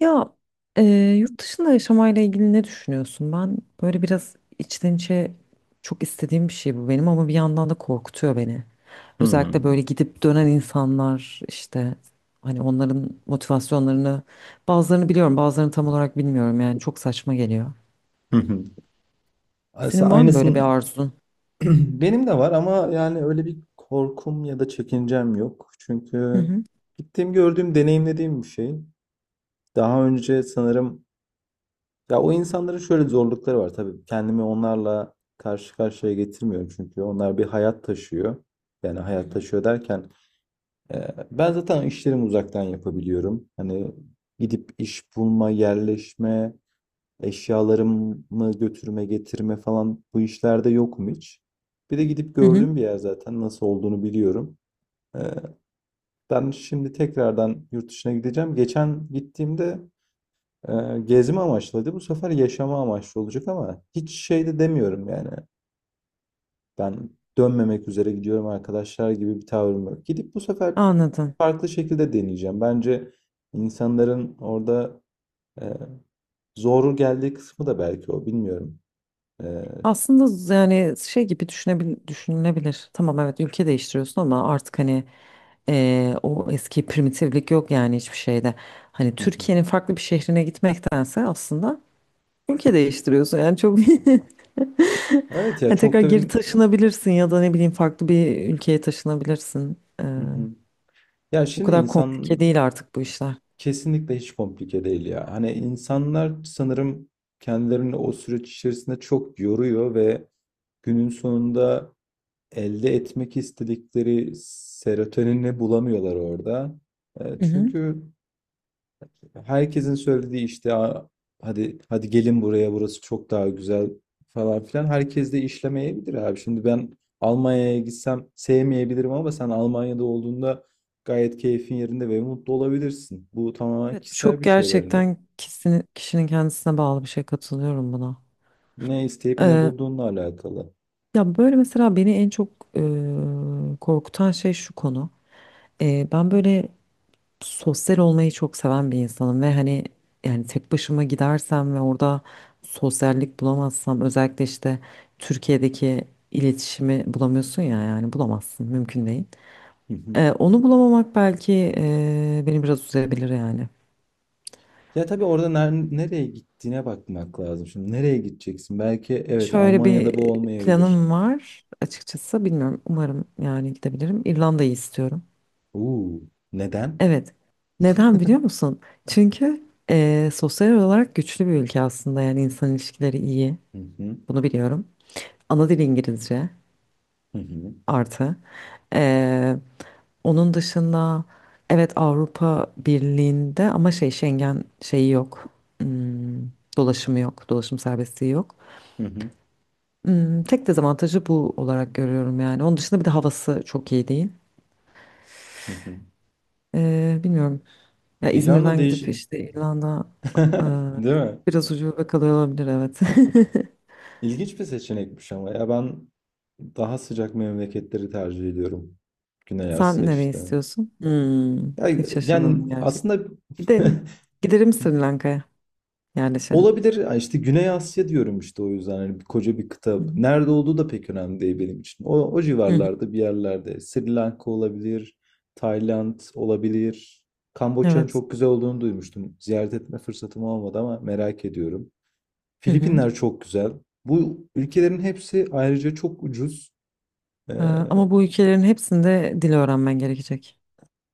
Ya e, yurt dışında yaşamayla ilgili ne düşünüyorsun? Ben böyle biraz içten içe çok istediğim bir şey bu benim ama bir yandan da korkutuyor beni. Özellikle Hımm. böyle gidip dönen insanlar işte hani onların motivasyonlarını bazılarını biliyorum bazılarını tam olarak bilmiyorum yani çok saçma geliyor. Hı hı. Aslında Senin var mı böyle bir aynısın. arzun? Benim de var ama yani öyle bir korkum ya da çekincem yok. Hı Çünkü hı. gittiğim, gördüğüm, deneyimlediğim bir şey. Daha önce sanırım ya o insanların şöyle zorlukları var tabii. Kendimi onlarla karşı karşıya getirmiyorum çünkü onlar bir hayat taşıyor. Yani Hı hayat hı. taşıyor derken, ben zaten işlerimi uzaktan yapabiliyorum. Hani gidip iş bulma, yerleşme, eşyalarımı götürme, getirme falan bu işlerde yokum hiç. Bir de gidip Hı hı. gördüğüm bir yer zaten nasıl olduğunu biliyorum. Ee, Ben şimdi tekrardan yurt dışına gideceğim. Geçen gittiğimde e, gezme amaçlıydı. Bu sefer yaşama amaçlı olacak ama hiç şey de demiyorum yani. Ben dönmemek üzere gidiyorum arkadaşlar gibi bir tavrım yok. Gidip bu sefer Anladım. farklı şekilde deneyeceğim. Bence insanların orada e, zor geldiği kısmı da belki o bilmiyorum. E, Aslında yani şey gibi düşünülebilir. Tamam, evet, ülke değiştiriyorsun ama artık hani o eski primitiflik yok yani hiçbir şeyde. Hani Türkiye'nin farklı bir şehrine gitmektense aslında ülke değiştiriyorsun yani çok Evet ya Hani çok tekrar da geri bir... taşınabilirsin ya da ne bileyim farklı bir ülkeye taşınabilirsin. Hı hı. Ya O şimdi kadar insan komplike değil artık bu işler. kesinlikle hiç komplike değil ya. Hani insanlar sanırım kendilerini o süreç içerisinde çok yoruyor ve günün sonunda elde etmek istedikleri serotonini bulamıyorlar orada. Hı hı. Çünkü herkesin söylediği işte: "Aa, hadi hadi gelin buraya, burası çok daha güzel falan filan." Herkes de işlemeyebilir abi. Şimdi ben Almanya'ya gitsem sevmeyebilirim ama sen Almanya'da olduğunda gayet keyfin yerinde ve mutlu olabilirsin. Bu tamamen Evet, bu kişisel çok bir şey bence. gerçekten kişinin kendisine bağlı bir şey, katılıyorum buna. Ne isteyip ne bulduğunla alakalı. Ya böyle mesela beni en çok korkutan şey şu konu. Ben böyle sosyal olmayı çok seven bir insanım ve hani yani tek başıma gidersem ve orada sosyallik bulamazsam, özellikle işte Türkiye'deki iletişimi bulamıyorsun ya, yani bulamazsın, mümkün değil. Onu bulamamak belki beni biraz üzebilir yani. Ya tabii orada nereye gittiğine bakmak lazım. Şimdi nereye gideceksin? Belki evet Şöyle bir Almanya'da bu olmayabilir. planım var, açıkçası bilmiyorum, umarım yani gidebilirim. İrlanda'yı istiyorum. Uuu, neden? Evet. Neden biliyor musun? Çünkü sosyal olarak güçlü bir ülke aslında. Yani insan ilişkileri iyi. Hı hı, Bunu biliyorum. Ana dil İngilizce hı hı, artı. Eee, onun dışında evet, Avrupa Birliği'nde ama şey, Schengen şeyi yok. Hmm, dolaşımı yok. Dolaşım serbestliği yok. hı hı. Tek dezavantajı bu olarak görüyorum yani. Onun dışında bir de havası çok iyi değil. Hı hı. Bilmiyorum. Ya İrlanda İzmir'den gidip işte İrlanda, e, Değil mi? biraz ucube kalıyor olabilir, evet. İlginç bir seçenekmiş ama ya ben daha sıcak memleketleri tercih ediyorum. Güney Asya Sen nereye işte. istiyorsun? Ya- Hiç Yani şaşırmadım gerçekten. aslında Gidelim. Giderim Sri Lanka'ya, yerleşelim. olabilir. Ya işte Güney Asya diyorum işte o yüzden hani koca bir kıta. Hı hı. Nerede olduğu da pek önemli değil benim için. O, o Hı hı. civarlarda bir yerlerde. Sri Lanka olabilir, Tayland olabilir. Kamboçya'nın Evet. çok güzel olduğunu duymuştum. Ziyaret etme fırsatım olmadı ama merak ediyorum. Hı hı. Filipinler çok güzel. Bu ülkelerin hepsi ayrıca çok ucuz. Ee, Ama bu ülkelerin hepsinde dil öğrenmen gerekecek.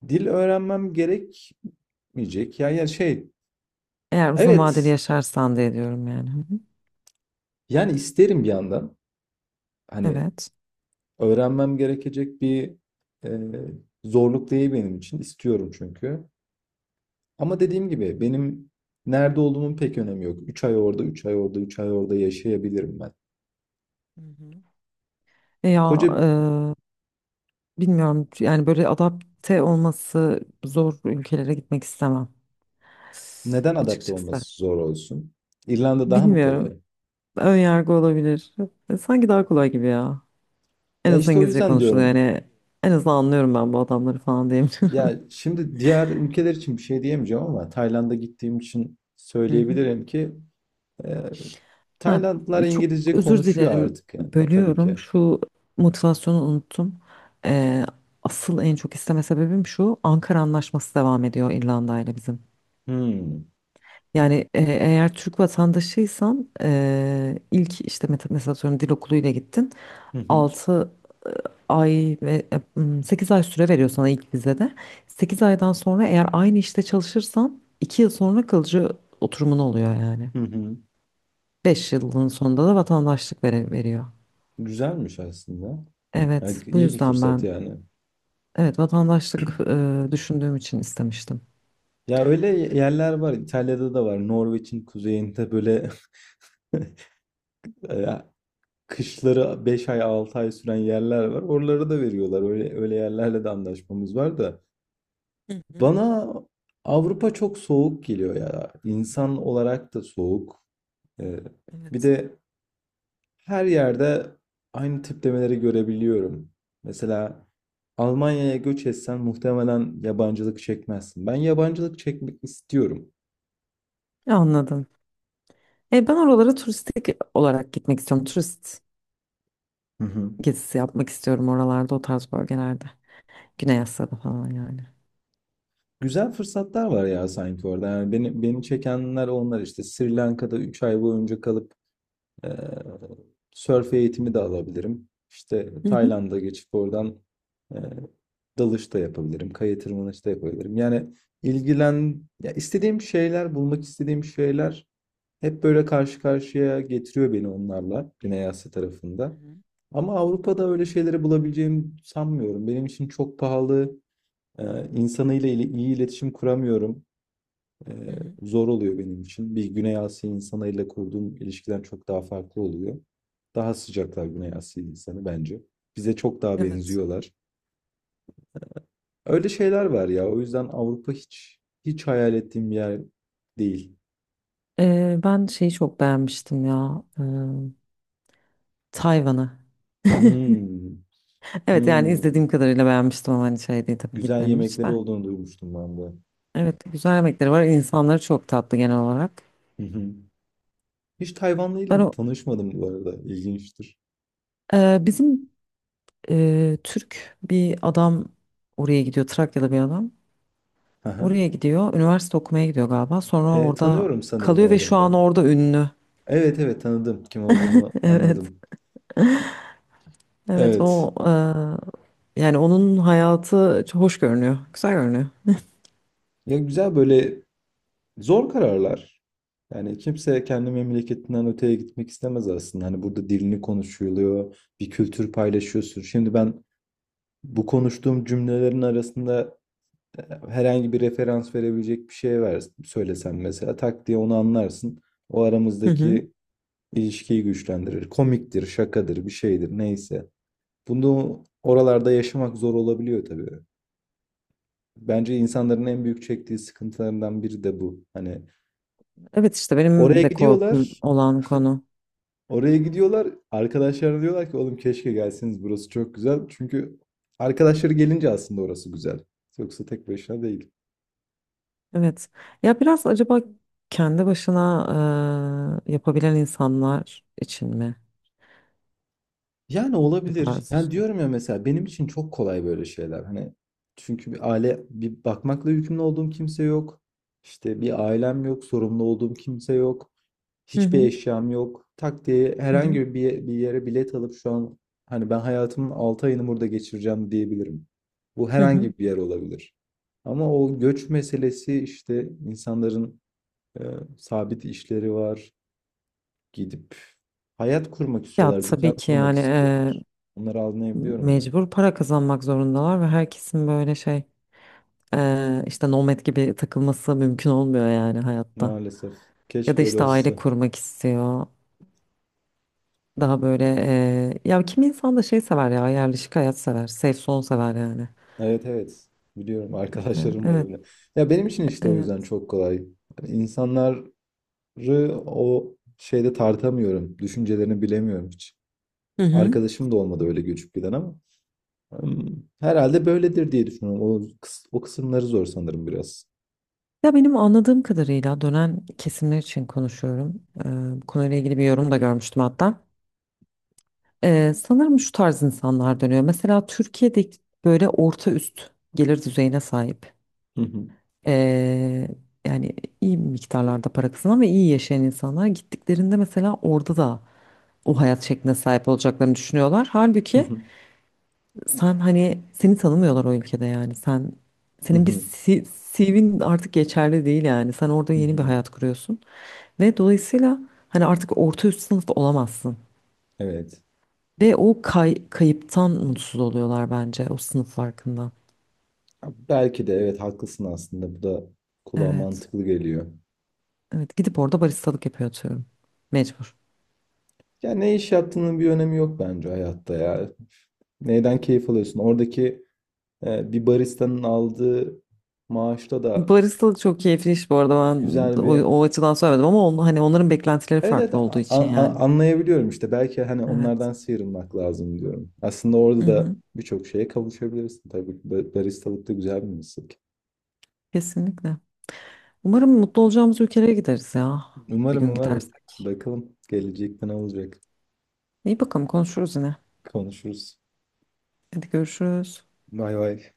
dil öğrenmem gerekmeyecek. Yani, yani şey, Eğer uzun vadeli evet yaşarsan diye diyorum yani. Hı hı. yani isterim bir yandan. Hani Evet. öğrenmem gerekecek bir e, zorluk değil benim için. İstiyorum çünkü. Ama dediğim gibi benim nerede olduğumun pek önemi yok. 3 ay orada, 3 ay orada, 3 ay orada yaşayabilirim ben. Hı hı. Ya Koca bilmiyorum yani, böyle adapte olması zor ülkelere gitmek istemem Neden adapte açıkçası. olması zor olsun? İrlanda daha mı Bilmiyorum. kolay? Ön yargı olabilir. Sanki daha kolay gibi ya. En Ya azından işte o İngilizce yüzden konuşuluyor diyorum. yani. En azından anlıyorum ben bu adamları, falan diyeyim. Ya şimdi diğer ülkeler için bir şey diyemeyeceğim ama Tayland'a gittiğim için Hı hı. söyleyebilirim ki e, Ha, Taylandlılar çok İngilizce özür konuşuyor dilerim, artık yani tabii bölüyorum. ki. Şu motivasyonu unuttum. E, Asıl en çok isteme sebebim şu. Ankara Anlaşması devam ediyor İrlanda ile bizim. Hmm. Yani eğer Türk vatandaşıysan ilk işte mesela, atıyorum, dil okuluyla gittin. Hı hı. 6 ay ve 8 ay süre veriyor sana ilk vizede. 8 aydan sonra eğer aynı işte çalışırsan, 2 yıl sonra kalıcı oturumun oluyor yani. Hı hı. 5 yılın sonunda da vatandaşlık veriyor. Güzelmiş aslında. Yani Evet, bu iyi bir yüzden fırsat ben, yani. evet, vatandaşlık düşündüğüm için istemiştim. Ya öyle yerler var. İtalya'da da var. Norveç'in kuzeyinde böyle ya kışları 5 ay 6 ay süren yerler var. Oraları da veriyorlar. Öyle öyle yerlerle de anlaşmamız var da. Hı hı, Bana Avrupa çok soğuk geliyor ya. İnsan olarak da soğuk. Ee, bir evet. de her yerde aynı tiplemeleri görebiliyorum. Mesela Almanya'ya göç etsen muhtemelen yabancılık çekmezsin. Ben yabancılık çekmek istiyorum. Anladım. Ben oralara turistik olarak gitmek istiyorum. Turist Hı hı. gezisi yapmak istiyorum oralarda, o tarz bölgelerde. Güney Asya'da falan yani. Güzel fırsatlar var ya sanki orada. Yani beni, beni çekenler onlar işte. Sri Lanka'da 3 ay boyunca kalıp eee sörf eğitimi de alabilirim. İşte Hı hı. Tayland'a geçip oradan eee dalış da yapabilirim. Kaya tırmanış da yapabilirim. Yani ya istediğim şeyler, bulmak istediğim şeyler hep böyle karşı karşıya getiriyor beni onlarla Güney Asya Hı tarafında. hı, Ama Avrupa'da öyle şeyleri bulabileceğimi sanmıyorum. Benim için çok pahalı. İnsanıyla ile iyi iletişim kuramıyorum. Ee, hı hı, zor oluyor benim için. Bir Güney Asya insanıyla kurduğum ilişkiden çok daha farklı oluyor. Daha sıcaklar Güney Asya insanı bence. Bize çok daha evet. benziyorlar. Öyle şeyler var ya. O yüzden Avrupa hiç hiç hayal ettiğim bir yer değil. Ben şeyi çok beğenmiştim ya. Tayvan'ı. Hmm, Evet, yani hmm. izlediğim kadarıyla beğenmiştim ama hani şey değil tabii, Güzel gitmedim hiç yemekleri de. olduğunu duymuştum ben de. Evet, güzel yemekleri var. İnsanları çok tatlı genel olarak. Hı hı. Hiç Tayvanlı Ben o tanışmadım bu arada. İlginçtir. Bizim Türk bir adam oraya gidiyor. Trakyalı bir adam. Hı hı. Oraya gidiyor. Üniversite okumaya gidiyor galiba. Sonra orada Tanıyorum sanırım o kalıyor ve şu adamı an ben. orada ünlü. Evet evet, tanıdım. Kim olduğunu Evet. anladım. Evet Evet. o Yani onun hayatı çok hoş görünüyor. Güzel görünüyor. Ya güzel böyle zor kararlar. Yani kimse kendi memleketinden öteye gitmek istemez aslında. Hani burada dilini konuşuluyor, bir kültür paylaşıyorsun. Şimdi ben bu konuştuğum cümlelerin arasında herhangi bir referans verebilecek bir şey ver, söylesen mesela tak diye onu anlarsın. O Hı hı. aramızdaki ilişkiyi güçlendirir. Komiktir, şakadır, bir şeydir neyse. Bunu oralarda yaşamak zor olabiliyor tabii. Bence insanların en büyük çektiği sıkıntılarından biri de bu. Hani Evet, işte oraya benim de korkum gidiyorlar, olan konu. oraya gidiyorlar. Arkadaşlar diyorlar ki oğlum keşke gelseniz, burası çok güzel. Çünkü arkadaşları gelince aslında orası güzel. Yoksa tek başına değil. Evet. Ya, biraz acaba kendi başına yapabilen insanlar için mi Yani bu olabilir. tarz Yani işte? diyorum ya, mesela benim için çok kolay böyle şeyler. Hani çünkü bir aile, bir bakmakla yükümlü olduğum kimse yok. İşte bir ailem yok, sorumlu olduğum kimse yok. Hı Hiçbir hı, eşyam yok. Tak diye hı hı, herhangi bir, bir yere bilet alıp şu an hani ben hayatımın 6 ayını burada geçireceğim diyebilirim. Bu hı hı. herhangi bir yer olabilir. Ama o göç meselesi işte, insanların e, sabit işleri var. Gidip hayat kurmak Ya istiyorlar, düzen tabii ki, kurmak. yani Onları anlayabiliyorum ben. mecbur para kazanmak zorundalar ve herkesin böyle şey, işte, nomad gibi takılması mümkün olmuyor yani hayatta. Maalesef. Ya da Keşke öyle işte aile olsa. kurmak istiyor. Daha böyle ya, kimi insan da şey sever ya, yerleşik hayat sever. Safe zone sever yani. Evet evet. Biliyorum, arkadaşlarım var Evet, öyle. Ya benim için işte o yüzden evet. çok kolay. Hani insanları o şeyde tartamıyorum. Düşüncelerini bilemiyorum hiç. Hı hı. Arkadaşım da olmadı öyle göçüp giden ama. Herhalde böyledir diye düşünüyorum. O, o kısımları zor sanırım biraz. Ya benim anladığım kadarıyla dönen kesimler için konuşuyorum. Bu konuyla ilgili bir yorum da görmüştüm hatta. Sanırım şu tarz insanlar dönüyor. Mesela Türkiye'de böyle orta üst gelir düzeyine sahip, Hı hı, ee, yani iyi miktarlarda para kazanan ve iyi yaşayan insanlar gittiklerinde mesela, orada da o hayat şekline sahip olacaklarını düşünüyorlar. hı Halbuki, hı, sen, hani seni tanımıyorlar o ülkede yani. Sen hı senin bir hı, C- CV'nin artık geçerli değil yani. Sen orada hı yeni bir hı. hayat kuruyorsun. Ve dolayısıyla hani, artık orta üst sınıf olamazsın. Evet. Ve o kayıptan mutsuz oluyorlar bence, o sınıf farkından. Ya belki de evet haklısın aslında. Bu da kulağa Evet. mantıklı geliyor. Evet, gidip orada baristalık yapıyor, atıyorum. Mecbur. Ya ne iş yaptığının bir önemi yok bence hayatta ya. Neyden keyif alıyorsun? Oradaki bir baristanın aldığı maaşta da Baristalık çok keyifli iş bu arada, ben güzel o, bir... o açıdan söylemedim ama hani onların beklentileri Evet evet, farklı olduğu için yani. anlayabiliyorum işte. Belki hani Evet. onlardan sıyrılmak lazım diyorum. Aslında Hı orada da hı. birçok şeye kavuşabilirsin tabii. Baristalık da güzel bir meslek. Kesinlikle. Umarım mutlu olacağımız ülkelere gideriz ya. Bir Umarım, gün umarım. gidersek. Bakalım gelecekte ne olacak. İyi, bakalım, konuşuruz yine. Konuşuruz. Hadi görüşürüz. Vay vay.